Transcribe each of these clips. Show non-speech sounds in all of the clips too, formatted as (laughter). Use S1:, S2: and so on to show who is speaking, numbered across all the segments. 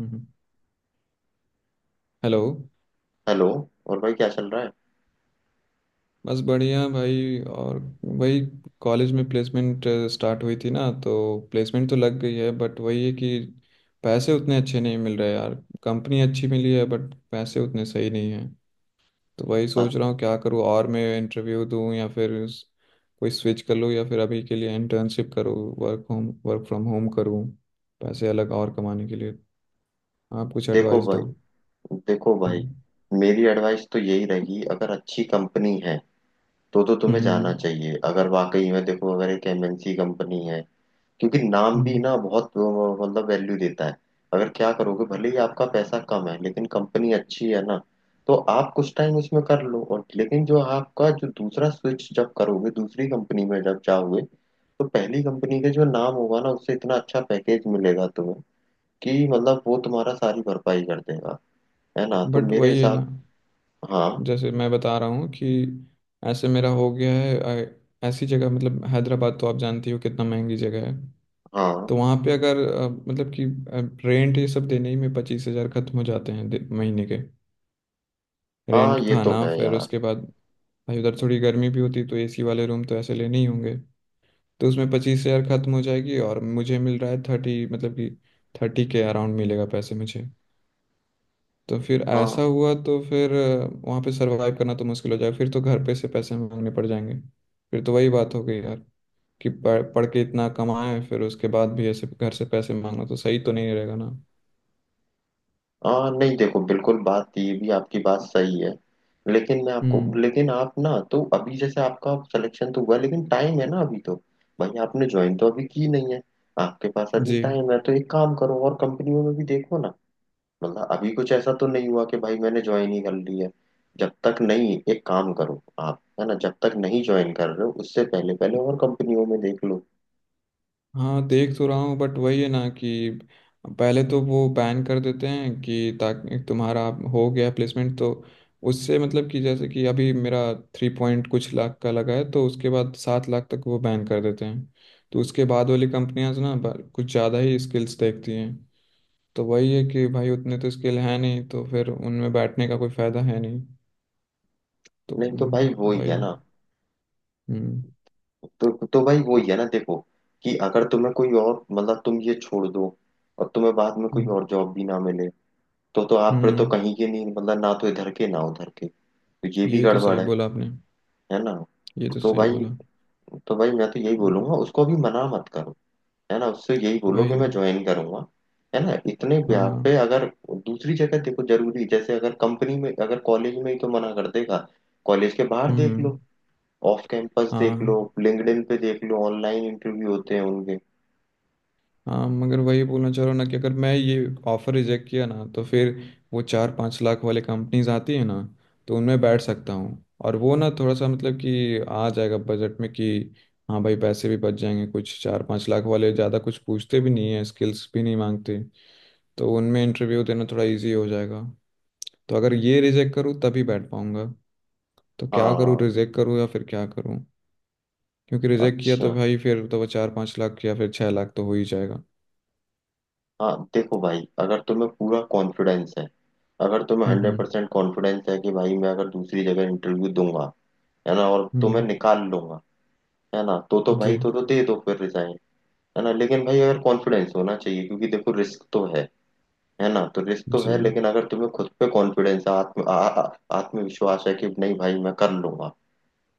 S1: हम्म। Hello.
S2: Hello. और भाई क्या चल रहा है?
S1: बस बढ़िया भाई। और वही कॉलेज में प्लेसमेंट स्टार्ट हुई थी ना, तो प्लेसमेंट तो लग गई है बट वही है कि पैसे उतने अच्छे नहीं मिल रहे यार। कंपनी अच्छी मिली है बट पैसे उतने सही नहीं है। तो वही
S2: आ,
S1: सोच रहा हूँ क्या करूँ और मैं इंटरव्यू दूँ या फिर कोई स्विच कर लूँ या फिर अभी के लिए इंटर्नशिप करूँ, वर्क फ्रॉम होम करूँ, पैसे अलग और कमाने के लिए। आप कुछ
S2: देखो
S1: एडवाइस दो।
S2: भाई देखो भाई,
S1: हम्म।
S2: मेरी एडवाइस तो यही रहेगी। अगर अच्छी कंपनी है तो तुम्हें जाना
S1: हम्म।
S2: चाहिए, अगर वाकई में, देखो अगर एक एमएनसी कंपनी है। क्योंकि नाम भी ना
S1: हम्म।
S2: बहुत मतलब वैल्यू देता है। अगर क्या करोगे, भले ही आपका पैसा कम है लेकिन कंपनी अच्छी है ना। तो आप कुछ टाइम उसमें कर लो, और लेकिन जो आपका जो दूसरा स्विच जब करोगे, दूसरी कंपनी में जब जाओगे, तो पहली कंपनी का जो नाम होगा ना, उससे इतना अच्छा पैकेज मिलेगा तुम्हें कि मतलब वो तुम्हारा सारी भरपाई कर देगा। है ना, तो
S1: बट
S2: मेरे
S1: वही है ना,
S2: हिसाब। हाँ।
S1: जैसे मैं बता रहा हूँ कि ऐसे मेरा हो गया है ऐसी जगह, मतलब हैदराबाद तो आप जानती हो कितना महंगी जगह है।
S2: हाँ।
S1: तो वहाँ पे अगर मतलब कि रेंट ये सब देने ही में 25 हजार खत्म हो जाते हैं महीने के।
S2: हाँ,
S1: रेंट,
S2: ये तो
S1: खाना,
S2: है
S1: फिर
S2: यार।
S1: उसके बाद भाई उधर थोड़ी गर्मी भी होती तो एसी वाले रूम तो ऐसे लेने ही होंगे। तो उसमें 25 हजार खत्म हो जाएगी, और मुझे मिल रहा है 30, मतलब कि 30 के अराउंड मिलेगा पैसे मुझे। तो फिर ऐसा
S2: हाँ।
S1: हुआ तो फिर वहाँ पे सरवाइव करना तो मुश्किल हो जाएगा, फिर तो घर पे से पैसे मांगने पड़ जाएंगे। फिर तो वही बात हो गई यार, कि पढ़ पढ़ के इतना कमाए फिर उसके बाद भी ऐसे घर से पैसे मांगना तो सही तो नहीं रहेगा ना।
S2: हाँ, नहीं देखो, बिल्कुल बात तो, ये भी आपकी बात सही है। लेकिन मैं आपको,
S1: हम्म।
S2: लेकिन आप ना, तो अभी जैसे आपका सिलेक्शन तो हुआ लेकिन टाइम है ना अभी तो। भाई आपने ज्वाइन तो अभी की नहीं है। आपके पास अभी
S1: जी।
S2: टाइम है, तो एक काम करो, और कंपनियों में भी देखो ना। मतलब अभी कुछ ऐसा तो नहीं हुआ कि भाई मैंने ज्वाइन ही कर ली है। जब तक नहीं, एक काम करो आप, है ना, जब तक नहीं ज्वाइन कर रहे हो, उससे पहले पहले और कंपनियों में देख लो।
S1: हाँ, देख तो रहा हूँ, बट वही है ना कि पहले तो वो बैन कर देते हैं कि ताकि तुम्हारा हो गया प्लेसमेंट, तो उससे, मतलब कि जैसे कि अभी मेरा 3 पॉइंट कुछ लाख का लगा है तो उसके बाद 7 लाख तक वो बैन कर देते हैं। तो उसके बाद वाली कंपनियां ना कुछ ज़्यादा ही स्किल्स देखती हैं। तो वही है कि भाई उतने तो स्किल है नहीं तो फिर उनमें बैठने का कोई फायदा है नहीं। तो
S2: नहीं तो भाई वो ही
S1: वही।
S2: है ना।
S1: हम्म।
S2: तो भाई वो ही है ना, देखो कि अगर तुम्हें कोई और मतलब तुम ये छोड़ दो, और तुम्हें बाद में कोई
S1: हम्म।
S2: और जॉब भी ना मिले, तो आप फिर तो
S1: हम्म,
S2: कहीं के नहीं, मतलब ना तो इधर के ना उधर के। तो ये भी
S1: ये तो
S2: गड़बड़
S1: सही
S2: है।
S1: बोला आपने।
S2: है ना,
S1: ये तो
S2: तो
S1: सही
S2: भाई
S1: बोला।
S2: तो भाई मैं तो यही बोलूंगा, उसको भी मना मत करो। है ना, उससे यही बोलो कि मैं
S1: वही।
S2: ज्वाइन करूंगा। है ना, इतने ब्याह पे
S1: हाँ।
S2: अगर। दूसरी जगह देखो, जरूरी जैसे, अगर कंपनी में, अगर कॉलेज में ही तो मना कर देगा। कॉलेज के बाहर देख
S1: हम्म।
S2: लो, ऑफ कैंपस देख लो,
S1: हाँ,
S2: लिंक्डइन पे देख लो, ऑनलाइन इंटरव्यू होते हैं उनके।
S1: हाँ, मगर वही बोलना चाह रहा हूँ ना कि अगर मैं ये ऑफर रिजेक्ट किया ना तो फिर वो 4-5 लाख वाले कंपनीज आती है ना, तो उनमें बैठ सकता हूँ। और वो ना थोड़ा सा मतलब कि आ जाएगा बजट में कि हाँ भाई पैसे भी बच जाएंगे कुछ। 4-5 लाख वाले ज़्यादा कुछ पूछते भी नहीं है, स्किल्स भी नहीं मांगते, तो उनमें इंटरव्यू देना थोड़ा इजी हो जाएगा। तो अगर ये रिजेक्ट करूँ तभी बैठ पाऊंगा। तो क्या करूँ,
S2: हाँ,
S1: रिजेक्ट करूँ या फिर क्या करूँ? क्योंकि रिजेक्ट किया
S2: अच्छा।
S1: तो भाई फिर तो वो 4-5 लाख या फिर 6 लाख तो हो ही जाएगा।
S2: हाँ देखो भाई, अगर तुम्हें पूरा कॉन्फिडेंस है, अगर तुम्हें
S1: हम्म।
S2: Hundred
S1: hmm.
S2: परसेंट कॉन्फिडेंस है कि भाई मैं अगर दूसरी जगह इंटरव्यू दूंगा, है ना, और तुम्हें
S1: हम्म,
S2: निकाल लूंगा। है ना, तो
S1: जी।
S2: भाई तो दे दो फिर रिजाइन। है ना, लेकिन भाई अगर कॉन्फिडेंस होना चाहिए, क्योंकि देखो रिस्क तो है। है ना, तो रिस्क तो
S1: जी।
S2: है, लेकिन अगर तुम्हें खुद पे कॉन्फिडेंस, आत्म आ, आ, आत्मविश्वास है कि नहीं भाई मैं कर लूंगा,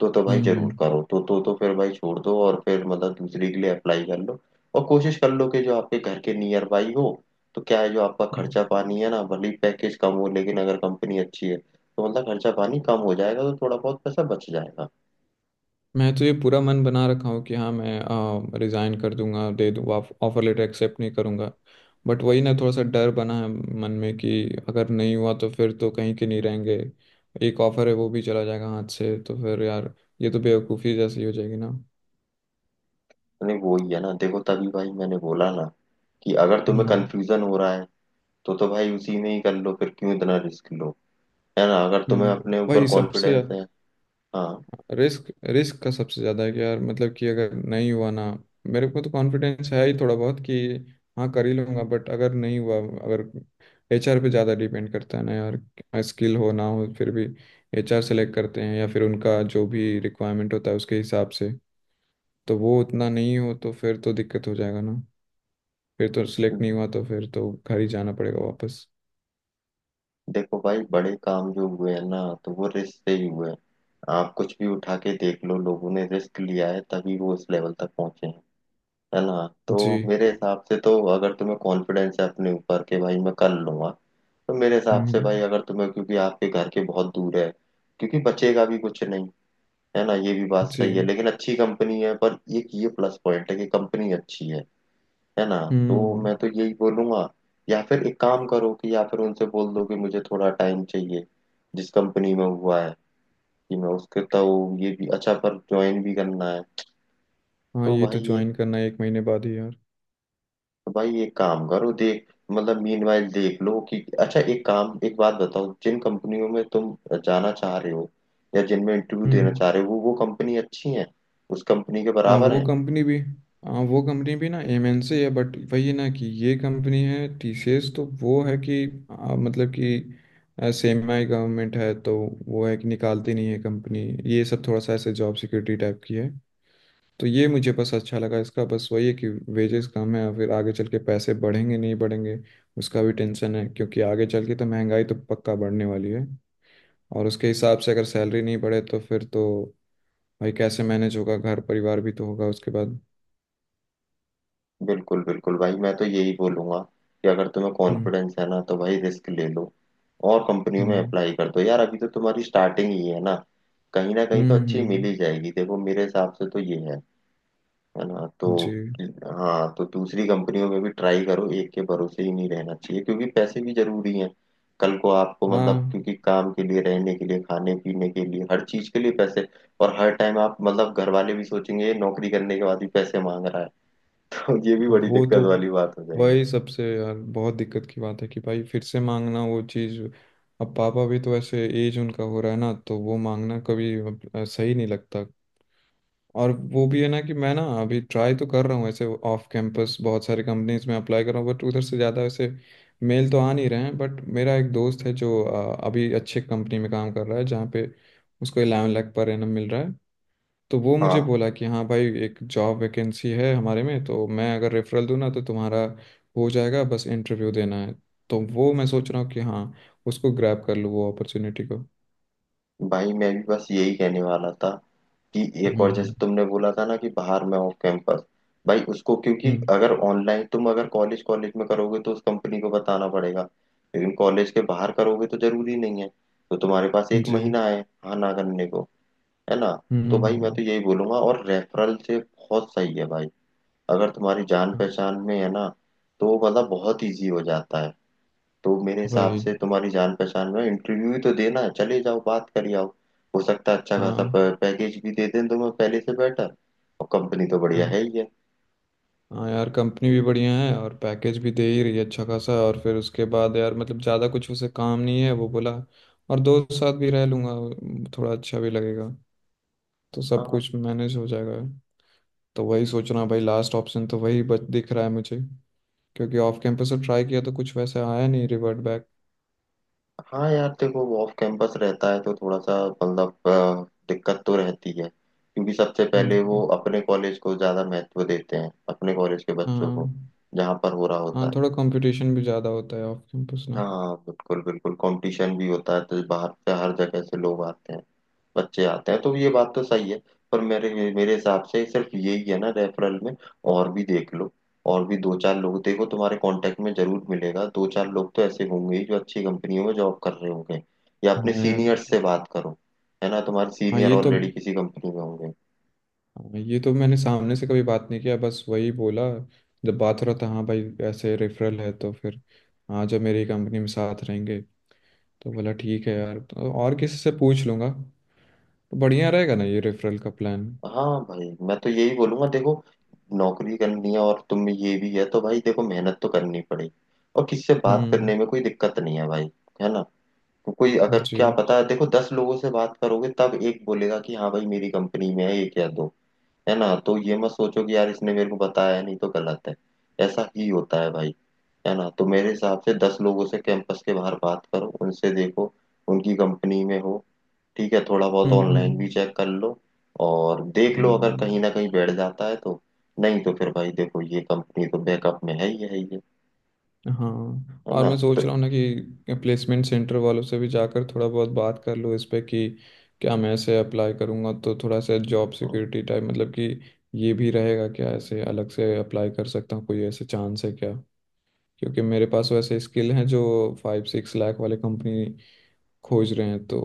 S2: तो भाई जरूर
S1: हम्म।
S2: करो, तो फिर भाई छोड़ दो, और फिर मतलब दूसरी के लिए अप्लाई कर लो। और कोशिश कर लो कि जो आपके घर के नियर बाई हो, तो क्या है जो आपका खर्चा पानी है ना, भले ही पैकेज कम हो लेकिन अगर कंपनी अच्छी है तो मतलब खर्चा पानी कम हो जाएगा, तो थोड़ा बहुत पैसा बच जाएगा।
S1: मैं तो ये पूरा मन बना रखा हूँ कि हाँ मैं रिज़ाइन कर दूंगा, दे दूँ, ऑफर लेटर एक्सेप्ट नहीं करूँगा। बट वही ना थोड़ा सा डर बना है मन में कि अगर नहीं हुआ तो फिर तो कहीं के नहीं रहेंगे। एक ऑफर है वो भी चला जाएगा हाथ से, तो फिर यार ये तो बेवकूफ़ी जैसी हो जाएगी ना।
S2: नहीं वो ही है ना, देखो तभी भाई मैंने बोला ना कि अगर तुम्हें
S1: हम्म।
S2: कंफ्यूजन हो रहा है, तो भाई उसी में ही कर लो, फिर क्यों इतना रिस्क लो। है ना, अगर तुम्हें
S1: हम्म।
S2: अपने ऊपर
S1: वही सबसे
S2: कॉन्फिडेंस है। हाँ,
S1: रिस्क, रिस्क का सबसे ज़्यादा है कि यार, मतलब कि अगर नहीं हुआ ना, मेरे को तो कॉन्फिडेंस है ही थोड़ा बहुत कि हाँ कर ही लूंगा, बट अगर नहीं हुआ, अगर एचआर पे ज़्यादा डिपेंड करता है ना यार। स्किल हो ना हो फिर भी एचआर सेलेक्ट करते हैं या फिर उनका जो भी रिक्वायरमेंट होता है उसके हिसाब से। तो वो उतना नहीं हो तो फिर तो दिक्कत हो जाएगा ना। फिर तो सिलेक्ट नहीं हुआ तो फिर तो घर ही जाना पड़ेगा वापस।
S2: देखो भाई, बड़े काम जो हुए हैं ना, तो वो रिस्क से ही हुए हैं। आप कुछ भी उठा के देख लो, लोगों ने रिस्क लिया है तभी वो उस लेवल तक पहुंचे हैं। है ना, तो
S1: जी।
S2: मेरे हिसाब से तो, अगर तुम्हें कॉन्फिडेंस है अपने ऊपर के भाई मैं कर लूंगा, तो मेरे हिसाब से
S1: हम्म।
S2: भाई, अगर तुम्हें, क्योंकि आपके घर के बहुत दूर है, क्योंकि बचेगा भी कुछ नहीं। है ना, ये भी बात
S1: जी।
S2: सही है, लेकिन अच्छी कंपनी है, पर एक ये प्लस पॉइंट है कि कंपनी अच्छी है। है ना, तो
S1: हम्म।
S2: मैं तो यही बोलूंगा, या फिर एक काम करो कि, या फिर उनसे बोल दो कि मुझे थोड़ा टाइम चाहिए, जिस कंपनी में हुआ है, कि मैं उसके, तो ये भी अच्छा पर ज्वाइन भी करना है।
S1: हाँ,
S2: तो
S1: ये तो
S2: भाई एक,
S1: ज्वाइन करना है एक महीने बाद ही यार।
S2: भाई एक काम करो, देख मतलब मीनवाइल देख लो कि, अच्छा एक काम, एक बात बताओ, जिन कंपनियों में तुम जाना चाह रहे हो, या जिनमें इंटरव्यू देना
S1: हम्म।
S2: चाह रहे हो, वो कंपनी अच्छी है, उस कंपनी के
S1: हाँ,
S2: बराबर
S1: वो
S2: है।
S1: कंपनी भी। हाँ, वो कंपनी भी ना एमएनसी है, बट वही है ना कि ये कंपनी है टीसीएस तो वो है कि मतलब कि सेमी गवर्नमेंट है, तो वो है कि निकालती नहीं है कंपनी। ये सब थोड़ा सा ऐसे जॉब सिक्योरिटी टाइप की है। तो ये मुझे बस अच्छा लगा इसका। बस वही है कि वेजेस कम है और फिर आगे चल के पैसे बढ़ेंगे नहीं बढ़ेंगे, उसका भी टेंशन है क्योंकि आगे चल के तो महंगाई तो पक्का बढ़ने वाली है। और उसके हिसाब से अगर सैलरी नहीं बढ़े तो फिर तो भाई कैसे मैनेज होगा? घर परिवार भी तो होगा उसके बाद।
S2: बिल्कुल बिल्कुल भाई, मैं तो यही बोलूंगा कि अगर तुम्हें
S1: हम्म।
S2: कॉन्फिडेंस है ना, तो भाई रिस्क ले लो, और कंपनियों में
S1: हम्म।
S2: अप्लाई कर दो यार, अभी तो तुम्हारी स्टार्टिंग ही है ना, कहीं ना कहीं तो
S1: हम्म।
S2: अच्छी मिल ही जाएगी, देखो मेरे हिसाब से तो ये है। है ना, तो
S1: जी।
S2: हाँ, तो दूसरी कंपनियों में भी ट्राई करो, एक के भरोसे ही नहीं रहना चाहिए क्योंकि पैसे भी जरूरी हैं। कल को आपको मतलब,
S1: हाँ,
S2: क्योंकि काम के लिए, रहने के लिए, खाने पीने के लिए, हर चीज के लिए पैसे। और हर टाइम आप मतलब, घर वाले भी सोचेंगे ये नौकरी करने के बाद भी पैसे मांग रहा है (laughs) तो ये भी
S1: अब
S2: बड़ी
S1: वो
S2: दिक्कत
S1: तो,
S2: वाली बात हो जाएगी।
S1: वही सबसे यार बहुत दिक्कत की बात है कि भाई फिर से मांगना वो चीज़। अब पापा भी तो ऐसे एज उनका हो रहा है ना, तो वो मांगना कभी सही नहीं लगता। और वो भी है ना कि मैं ना अभी ट्राई तो कर रहा हूँ ऐसे, ऑफ कैंपस बहुत सारी कंपनीज में अप्लाई कर रहा हूँ बट उधर से ज़्यादा ऐसे मेल तो आ नहीं रहे हैं। बट मेरा एक दोस्त है जो अभी अच्छे कंपनी में काम कर रहा है, जहाँ पे उसको 11 लाख पर एनम मिल रहा है। तो वो मुझे
S2: हाँ
S1: बोला कि हाँ भाई एक जॉब वैकेंसी है हमारे में, तो मैं अगर रेफरल दूँ ना तो तुम्हारा हो जाएगा, बस इंटरव्यू देना है। तो वो मैं सोच रहा हूँ कि हाँ उसको ग्रैब कर लूँ वो अपॉर्चुनिटी को।
S2: भाई, मैं भी बस यही कहने वाला था कि एक
S1: हम्म।
S2: और जैसे
S1: हम्म।
S2: तुमने बोला था ना कि बाहर में ऑफ कैंपस, भाई उसको, क्योंकि
S1: हम्म,
S2: अगर ऑनलाइन तुम अगर कॉलेज कॉलेज में करोगे तो उस कंपनी को बताना पड़ेगा, लेकिन कॉलेज के बाहर करोगे तो जरूरी नहीं है। तो तुम्हारे पास एक
S1: जी।
S2: महीना है, हाँ ना करने को। है ना,
S1: हम्म।
S2: तो
S1: हम्म।
S2: भाई मैं तो यही बोलूंगा, और रेफरल से बहुत सही है भाई, अगर तुम्हारी जान
S1: हाँ,
S2: पहचान में है ना, तो मतलब बहुत इजी हो जाता है। तो मेरे हिसाब
S1: वही।
S2: से तुम्हारी जान पहचान में, इंटरव्यू ही तो देना है, चले जाओ बात कर आओ, हो सकता है अच्छा खासा
S1: हाँ।
S2: पैकेज भी दे दें तुम्हें, पहले से बेटर, और कंपनी तो बढ़िया
S1: हाँ,
S2: है ही है।
S1: हाँ यार कंपनी भी बढ़िया है और पैकेज भी दे ही रही है अच्छा खासा, और फिर उसके बाद यार मतलब ज़्यादा कुछ उसे काम नहीं है वो बोला। और दोस्त साथ भी रह लूँगा, थोड़ा अच्छा भी लगेगा। तो सब
S2: हाँ।
S1: कुछ मैनेज हो जाएगा। तो वही सोच रहा हूँ भाई, लास्ट ऑप्शन तो वही बच दिख रहा है मुझे, क्योंकि ऑफ कैंपस से ट्राई किया तो कुछ वैसे आया नहीं रिवर्ट बैक।
S2: हाँ यार देखो, वो ऑफ कैंपस रहता है तो थोड़ा सा मतलब दिक्कत तो रहती है, क्योंकि सबसे पहले
S1: हम्म।
S2: वो अपने कॉलेज को ज्यादा महत्व देते हैं, अपने कॉलेज के बच्चों को
S1: हाँ।
S2: जहाँ पर हो रहा होता
S1: हाँ,
S2: है।
S1: थोड़ा कंपटीशन भी ज़्यादा होता है ऑफ कैंपस ना।
S2: हाँ बिल्कुल बिल्कुल, कंपटीशन भी होता है, तो बाहर से हर जगह से लोग आते हैं, बच्चे आते हैं, तो ये बात तो सही है। पर मेरे मेरे हिसाब से सिर्फ यही है ना, रेफरल में और भी देख लो, और भी दो चार लोग देखो तुम्हारे कांटेक्ट में, जरूर मिलेगा, दो चार लोग तो ऐसे होंगे ही जो अच्छी कंपनियों में जॉब कर रहे होंगे, या अपने
S1: हाँ यार।
S2: सीनियर्स से बात करो। है ना, तुम्हारे
S1: हाँ,
S2: सीनियर
S1: ये तो।
S2: ऑलरेडी किसी कंपनी में होंगे।
S1: हाँ, ये तो मैंने सामने से कभी बात नहीं किया, बस वही बोला जब बात हो रहा था, हाँ भाई ऐसे रेफरल है तो फिर हाँ जब मेरी कंपनी में साथ रहेंगे, तो बोला ठीक है यार, तो और किसी से पूछ लूँगा तो बढ़िया रहेगा ना ये रेफरल का प्लान।
S2: हाँ भाई, मैं तो यही बोलूंगा, देखो नौकरी करनी है और तुम में ये भी है, तो भाई देखो मेहनत तो करनी पड़ेगी, और किसी से बात
S1: हम्म।
S2: करने में कोई दिक्कत नहीं है भाई। है ना, तो कोई अगर,
S1: जी।
S2: क्या पता है, देखो दस लोगों से बात करोगे तब एक बोलेगा कि हाँ भाई मेरी कंपनी में है, एक या दो। है ना, तो ये मत सोचो कि यार इसने मेरे को बताया है, नहीं तो गलत है। ऐसा ही होता है भाई। है ना, तो मेरे हिसाब से दस लोगों से कैंपस के बाहर बात करो, उनसे देखो उनकी कंपनी में हो। ठीक है, थोड़ा बहुत
S1: हम्म।
S2: ऑनलाइन भी
S1: हम्म।
S2: चेक कर लो, और देख लो अगर
S1: हम्म।
S2: कहीं ना कहीं बैठ जाता है तो, नहीं तो फिर भाई देखो, ये कंपनी तो बैकअप में है ही है ये।
S1: हाँ,
S2: है
S1: और
S2: ना,
S1: मैं
S2: तो
S1: सोच रहा हूँ ना कि प्लेसमेंट सेंटर वालों से भी जाकर थोड़ा बहुत बात कर लूँ इस पे, कि क्या मैं ऐसे अप्लाई करूँगा तो थोड़ा सा जॉब
S2: हम्म,
S1: सिक्योरिटी टाइप, मतलब कि ये भी रहेगा क्या? ऐसे अलग से अप्लाई कर सकता हूँ, कोई ऐसे चांस है क्या? क्योंकि मेरे पास वैसे स्किल हैं जो 5-6 लाख वाले कंपनी खोज रहे हैं, तो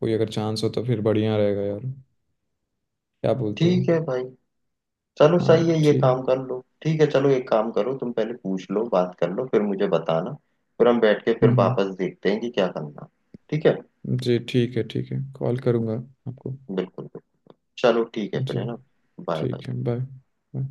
S1: कोई अगर चांस हो तो फिर बढ़िया रहेगा यार। क्या बोलते हो?
S2: ठीक है भाई, चलो
S1: हाँ।
S2: सही है, ये
S1: ठीक।
S2: काम कर लो, ठीक है, चलो एक काम करो तुम, पहले पूछ लो, बात कर लो, फिर मुझे बताना, फिर हम बैठ के फिर
S1: हम्म।
S2: वापस देखते हैं कि क्या करना, ठीक है।
S1: हम्म, जी ठीक है, ठीक है, कॉल करूँगा आपको।
S2: बिल्कुल बिल्कुल, चलो ठीक है फिर,
S1: जी
S2: है ना। Bye bye.
S1: ठीक है। Bye bye.